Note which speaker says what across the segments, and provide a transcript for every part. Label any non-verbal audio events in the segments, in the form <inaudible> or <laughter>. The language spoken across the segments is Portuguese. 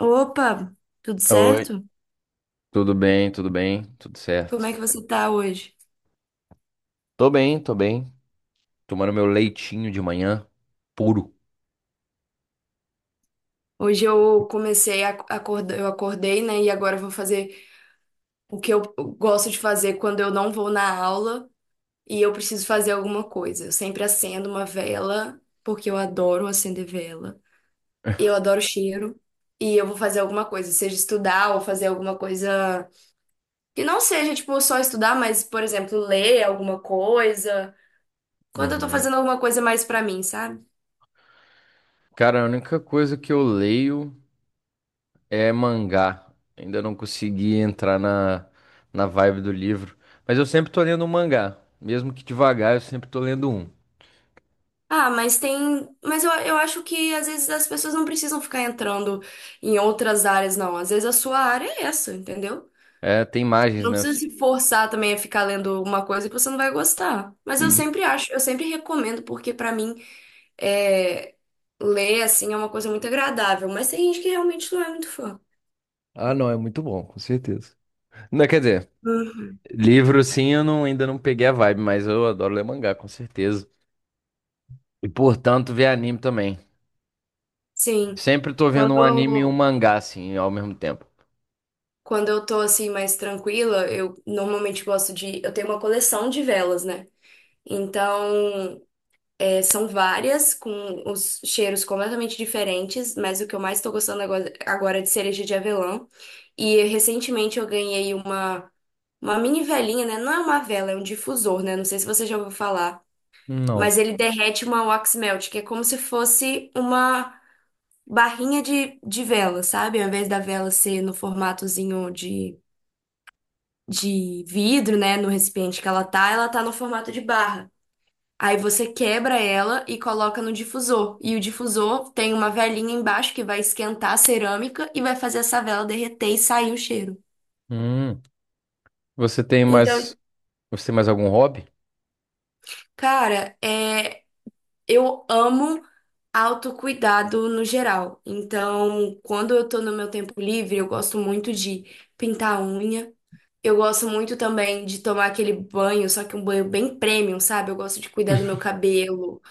Speaker 1: Opa, tudo
Speaker 2: Oi,
Speaker 1: certo?
Speaker 2: tudo bem, tudo bem, tudo
Speaker 1: Como é
Speaker 2: certo.
Speaker 1: que você tá hoje?
Speaker 2: Tô bem, tô bem. Tomando meu leitinho de manhã, puro.
Speaker 1: Hoje eu comecei a acordar, eu acordei, né? E agora eu vou fazer o que eu gosto de fazer quando eu não vou na aula e eu preciso fazer alguma coisa. Eu sempre acendo uma vela, porque eu adoro acender vela. Eu adoro cheiro e eu vou fazer alguma coisa, seja estudar ou fazer alguma coisa que não seja tipo só estudar, mas por exemplo, ler alguma coisa. Quando eu tô
Speaker 2: Uhum.
Speaker 1: fazendo alguma coisa mais pra mim, sabe?
Speaker 2: Cara, a única coisa que eu leio é mangá. Ainda não consegui entrar na vibe do livro. Mas eu sempre tô lendo um mangá. Mesmo que devagar, eu sempre tô lendo um.
Speaker 1: Ah, mas tem. Mas eu acho que às vezes as pessoas não precisam ficar entrando em outras áreas, não. Às vezes a sua área é essa, entendeu?
Speaker 2: É, tem imagens,
Speaker 1: Não
Speaker 2: né?
Speaker 1: precisa se forçar também a ficar lendo uma coisa que você não vai gostar. Mas eu
Speaker 2: <clears throat>
Speaker 1: sempre acho, eu sempre recomendo, porque pra mim é, ler assim é uma coisa muito agradável. Mas tem gente que realmente não é muito fã.
Speaker 2: Ah, não, é muito bom, com certeza. Não, quer dizer,
Speaker 1: Uhum.
Speaker 2: livro sim, eu não, ainda não peguei a vibe, mas eu adoro ler mangá, com certeza. E portanto, ver anime também.
Speaker 1: Sim.
Speaker 2: Sempre tô vendo um anime e um
Speaker 1: Quando,
Speaker 2: mangá, assim, ao mesmo tempo.
Speaker 1: quando eu tô assim mais tranquila, eu normalmente gosto de. Eu tenho uma coleção de velas, né? Então. São várias, com os cheiros completamente diferentes, mas o que eu mais estou gostando agora é de cereja de avelã. E recentemente eu ganhei uma mini velinha, né? Não é uma vela, é um difusor, né? Não sei se você já ouviu falar,
Speaker 2: Não.
Speaker 1: mas ele derrete uma wax melt, que é como se fosse uma barrinha de vela, sabe? Ao invés da vela ser no formatozinho de vidro, né? No recipiente que ela tá no formato de barra. Aí você quebra ela e coloca no difusor. E o difusor tem uma velinha embaixo que vai esquentar a cerâmica e vai fazer essa vela derreter e sair o cheiro.
Speaker 2: Hum. Você tem
Speaker 1: Então,
Speaker 2: mais. Você tem mais algum hobby?
Speaker 1: cara, é, eu amo autocuidado no geral. Então, quando eu tô no meu tempo livre, eu gosto muito de pintar a unha. Eu gosto muito também de tomar aquele banho, só que um banho bem premium, sabe? Eu gosto de cuidar do meu cabelo.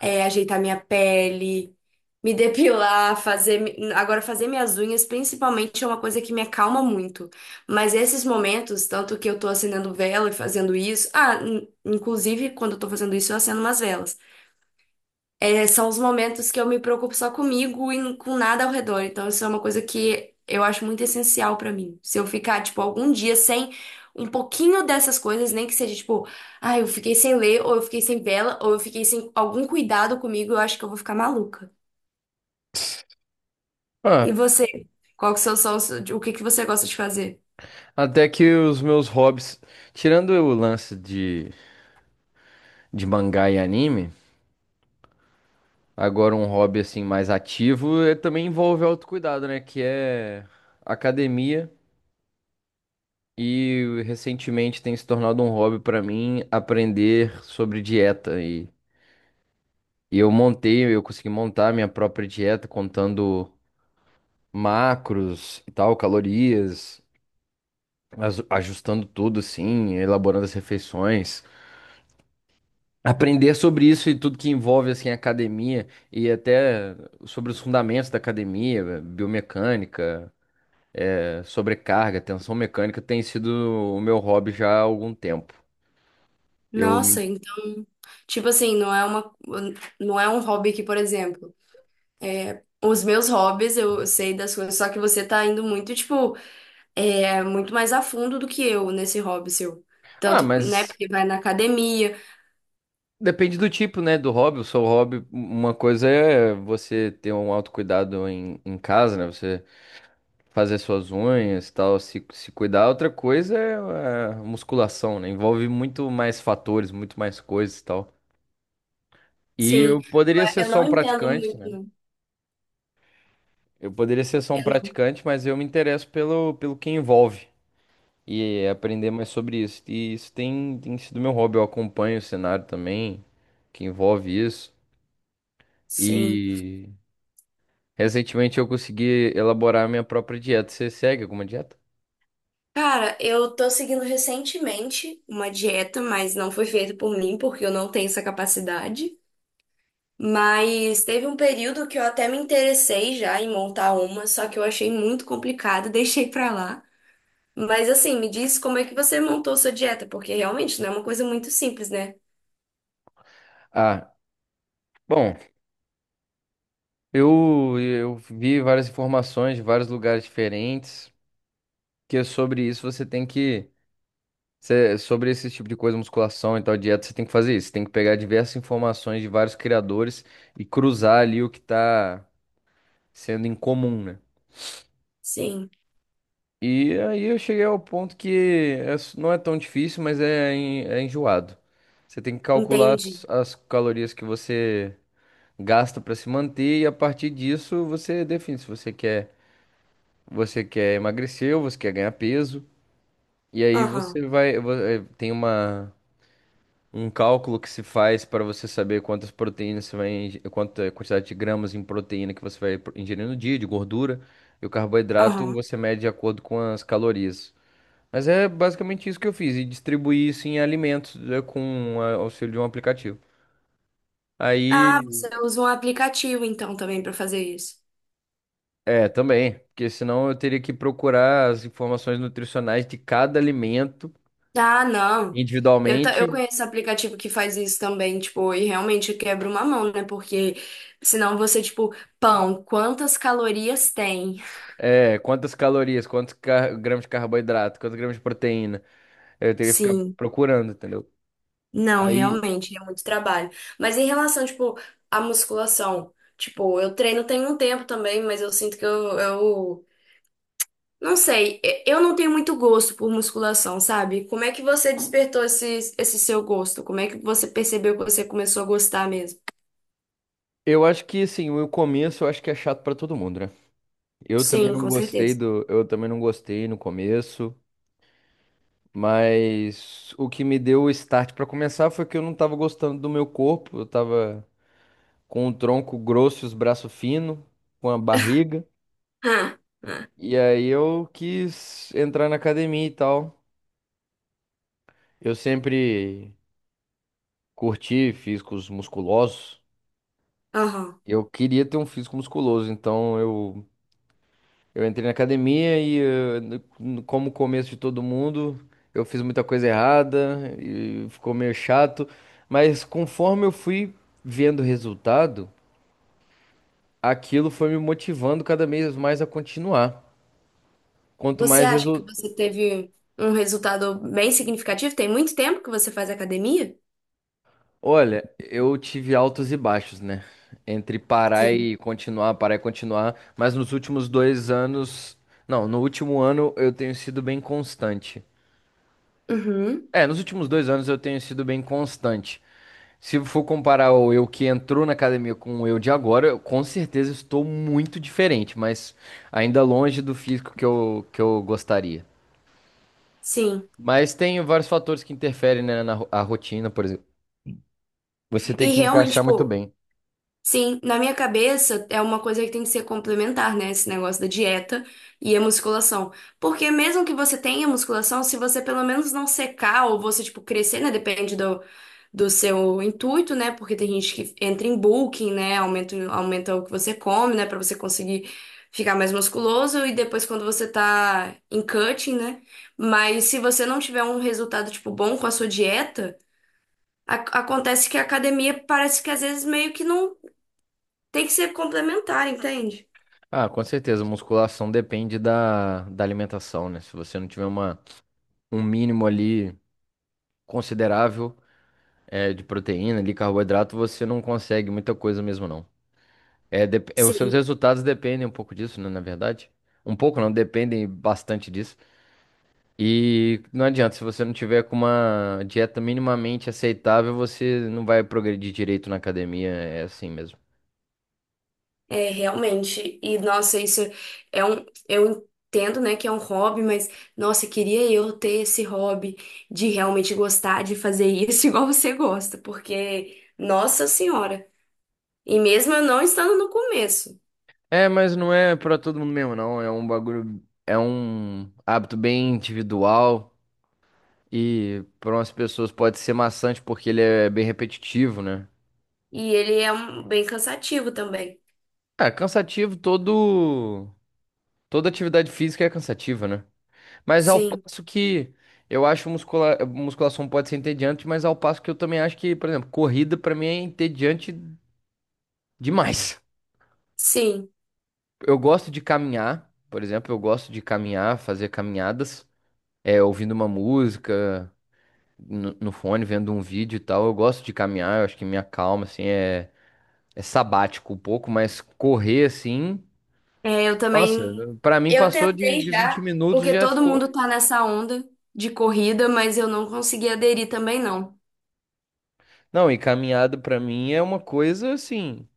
Speaker 1: É, ajeitar minha pele, me depilar, fazer. Agora, fazer minhas unhas, principalmente, é uma coisa que me acalma muito. Mas esses momentos, tanto que eu tô acendendo vela e fazendo isso. Ah, inclusive, quando eu tô fazendo isso, eu acendo umas velas. É, são os momentos que eu me preocupo só comigo e com nada ao redor. Então, isso é uma coisa que eu acho muito essencial pra mim. Se eu ficar, tipo, algum dia sem um pouquinho dessas coisas, nem que seja, tipo, ah, eu fiquei sem ler, ou eu fiquei sem vela, ou eu fiquei sem algum cuidado comigo, eu acho que eu vou ficar maluca. E
Speaker 2: Ah,
Speaker 1: você? Qual que são os seus, o que que você gosta de fazer?
Speaker 2: até que os meus hobbies. Tirando o lance de mangá e anime, agora um hobby assim mais ativo é, também envolve autocuidado, né? Que é academia. E recentemente tem se tornado um hobby pra mim aprender sobre dieta. E eu consegui montar minha própria dieta contando macros e tal, calorias, ajustando tudo assim, elaborando as refeições. Aprender sobre isso e tudo que envolve assim a academia e até sobre os fundamentos da academia, biomecânica, sobrecarga, tensão mecânica tem sido o meu hobby já há algum tempo. Eu me...
Speaker 1: Nossa, então, tipo assim, não é uma, não é um hobby que, por exemplo, é, os meus hobbies, eu sei das coisas, só que você tá indo muito, tipo. É muito mais a fundo do que eu nesse hobby seu.
Speaker 2: Ah,
Speaker 1: Tanto, né,
Speaker 2: mas
Speaker 1: porque vai na academia.
Speaker 2: depende do tipo, né, do hobby. O seu hobby, uma coisa é você ter um autocuidado em casa, né? Você fazer suas unhas, tal, se cuidar. Outra coisa é a musculação, né? Envolve muito mais fatores, muito mais coisas e tal. E
Speaker 1: Sim,
Speaker 2: eu poderia ser
Speaker 1: eu
Speaker 2: só
Speaker 1: não
Speaker 2: um
Speaker 1: entendo
Speaker 2: praticante,
Speaker 1: muito.
Speaker 2: né?
Speaker 1: Não.
Speaker 2: Eu poderia ser só um
Speaker 1: Eu não-
Speaker 2: praticante, mas eu me interesso pelo que envolve e aprender mais sobre isso. E isso tem sido meu hobby. Eu acompanho o cenário também, que envolve isso.
Speaker 1: Sim.
Speaker 2: E recentemente eu consegui elaborar a minha própria dieta. Você segue alguma dieta?
Speaker 1: Cara, eu tô seguindo recentemente uma dieta, mas não foi feita por mim, porque eu não tenho essa capacidade. Mas teve um período que eu até me interessei já em montar uma, só que eu achei muito complicado, <laughs> deixei pra lá. Mas assim, me diz como é que você montou sua dieta, porque realmente não é uma coisa muito simples, né?
Speaker 2: Ah, bom. Eu vi várias informações de vários lugares diferentes, que é sobre isso você tem que, sobre esse tipo de coisa, musculação e tal, dieta, você tem que fazer isso. Você tem que pegar diversas informações de vários criadores e cruzar ali o que está sendo em comum, né?
Speaker 1: Sim,
Speaker 2: E aí eu cheguei ao ponto que é não é tão difícil, mas é, é enjoado. Você tem que calcular
Speaker 1: entendi.
Speaker 2: as calorias que você gasta para se manter e a partir disso você define se você quer. Você quer emagrecer ou você quer ganhar peso. E aí
Speaker 1: Aham.
Speaker 2: você vai. Vo- eh, Tem um cálculo que se faz para você saber quantas proteínas você vai. Quanta quantidade de gramas em proteína que você vai ingerir no dia, de gordura. E o carboidrato
Speaker 1: Aham.
Speaker 2: você mede de acordo com as calorias. Mas é basicamente isso que eu fiz. E distribuí isso em alimentos, com auxílio de um aplicativo.
Speaker 1: Ah,
Speaker 2: Aí.
Speaker 1: você usa um aplicativo então também pra fazer isso.
Speaker 2: É, também. Porque senão eu teria que procurar as informações nutricionais de cada alimento
Speaker 1: Ah, não. Eu
Speaker 2: individualmente.
Speaker 1: conheço aplicativo que faz isso também, tipo, e realmente quebra uma mão, né? Porque senão você, tipo, pão, quantas calorias tem?
Speaker 2: É, quantas calorias, quantos gramas de carboidrato, quantos gramas de proteína. Eu teria que ficar
Speaker 1: Sim.
Speaker 2: procurando, entendeu?
Speaker 1: Não,
Speaker 2: Aí,
Speaker 1: realmente, é muito trabalho. Mas em relação, tipo, à musculação, tipo, eu treino tem um tempo também, mas eu sinto que eu não sei, eu não tenho muito gosto por musculação, sabe? Como é que você despertou esse seu gosto? Como é que você percebeu que você começou a gostar mesmo?
Speaker 2: eu acho que, assim, o começo eu acho que é chato pra todo mundo, né?
Speaker 1: Sim, com certeza.
Speaker 2: Eu também não gostei no começo, mas o que me deu o start pra começar foi que eu não tava gostando do meu corpo, eu tava com o tronco grosso e os braços finos, com a barriga,
Speaker 1: Ah, ah,
Speaker 2: e aí eu quis entrar na academia e tal. Eu sempre curti físicos musculosos.
Speaker 1: aham.
Speaker 2: Eu queria ter um físico musculoso, então eu entrei na academia e, como o começo de todo mundo, eu fiz muita coisa errada e ficou meio chato. Mas conforme eu fui vendo resultado, aquilo foi me motivando cada vez mais a continuar. Quanto
Speaker 1: Você
Speaker 2: mais
Speaker 1: acha que
Speaker 2: resultado.
Speaker 1: você teve um resultado bem significativo? Tem muito tempo que você faz academia?
Speaker 2: Olha, eu tive altos e baixos, né? Entre parar
Speaker 1: Sim.
Speaker 2: e continuar, parar e continuar. Mas nos últimos 2 anos. Não, no último ano eu tenho sido bem constante.
Speaker 1: Uhum,
Speaker 2: É, nos últimos 2 anos eu tenho sido bem constante. Se for comparar o eu que entrou na academia com o eu de agora, eu com certeza estou muito diferente, mas ainda longe do físico que eu gostaria.
Speaker 1: sim.
Speaker 2: Mas tem vários fatores que interferem, né, a rotina, por exemplo. Você tem
Speaker 1: E
Speaker 2: que
Speaker 1: realmente,
Speaker 2: encaixar muito
Speaker 1: pô.
Speaker 2: bem.
Speaker 1: Sim, na minha cabeça é uma coisa que tem que ser complementar, né? Esse negócio da dieta e a musculação. Porque mesmo que você tenha musculação, se você pelo menos não secar ou você, tipo, crescer, né? Depende do seu intuito, né? Porque tem gente que entra em bulking, né? Aumenta, aumenta o que você come, né? Pra você conseguir ficar mais musculoso. E depois quando você tá em cutting, né? Mas se você não tiver um resultado, tipo, bom com a sua dieta, a- acontece que a academia parece que às vezes meio que não tem que ser complementar, entende?
Speaker 2: Ah, com certeza, musculação depende da alimentação, né? Se você não tiver um mínimo ali considerável, de proteína, de carboidrato, você não consegue muita coisa mesmo, não. É, os seus
Speaker 1: Sim.
Speaker 2: resultados dependem um pouco disso, né, na verdade. Um pouco não, dependem bastante disso. E não adianta, se você não tiver com uma dieta minimamente aceitável, você não vai progredir direito na academia, é assim mesmo.
Speaker 1: É, realmente. E, nossa, isso é um. Eu entendo, né, que é um hobby, mas, nossa, queria eu ter esse hobby de realmente gostar de fazer isso <laughs> igual você gosta, porque, nossa senhora. E mesmo eu não estando no começo.
Speaker 2: É, mas não é pra todo mundo mesmo, não. É um bagulho, é um hábito bem individual e para umas pessoas pode ser maçante porque ele é bem repetitivo, né?
Speaker 1: E ele é um, bem cansativo também.
Speaker 2: É, cansativo, todo toda atividade física é cansativa, né? Mas ao
Speaker 1: Sim,
Speaker 2: passo que eu acho musculação pode ser entediante, mas ao passo que eu também acho que, por exemplo, corrida pra mim é entediante demais.
Speaker 1: sim.
Speaker 2: Eu gosto de caminhar, por exemplo, eu gosto de caminhar, fazer caminhadas, é, ouvindo uma música no fone, vendo um vídeo e tal. Eu gosto de caminhar, eu acho que me acalma, assim, é, é sabático um pouco, mas correr assim,
Speaker 1: É, eu
Speaker 2: nossa,
Speaker 1: também.
Speaker 2: pra mim
Speaker 1: Eu
Speaker 2: passou de,
Speaker 1: tentei
Speaker 2: de 20
Speaker 1: já,
Speaker 2: minutos
Speaker 1: porque
Speaker 2: já
Speaker 1: todo
Speaker 2: ficou.
Speaker 1: mundo tá nessa onda de corrida, mas eu não consegui aderir também, não.
Speaker 2: Não, e caminhada pra mim é uma coisa assim.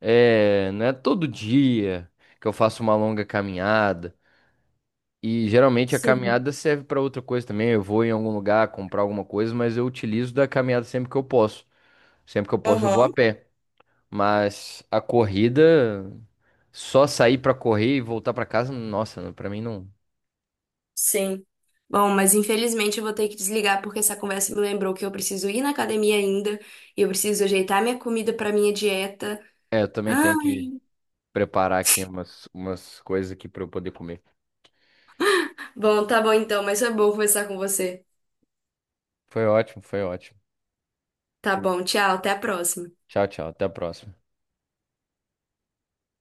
Speaker 2: É, não é todo dia que eu faço uma longa caminhada. E geralmente a
Speaker 1: Sim.
Speaker 2: caminhada serve para outra coisa também. Eu vou em algum lugar comprar alguma coisa, mas eu utilizo da caminhada sempre que eu posso. Sempre que eu posso, eu vou a
Speaker 1: Aham,
Speaker 2: pé. Mas a corrida, só sair para correr e voltar para casa, nossa, para mim não.
Speaker 1: sim. Bom, mas infelizmente eu vou ter que desligar porque essa conversa me lembrou que eu preciso ir na academia ainda e eu preciso ajeitar minha comida para minha dieta.
Speaker 2: É, eu também tenho que
Speaker 1: Ai.
Speaker 2: preparar aqui umas coisas aqui para eu poder comer.
Speaker 1: Bom, tá bom então, mas foi bom conversar com você.
Speaker 2: Foi ótimo, foi ótimo.
Speaker 1: Tá bom, tchau, até a próxima.
Speaker 2: Tchau, tchau. Até a próxima.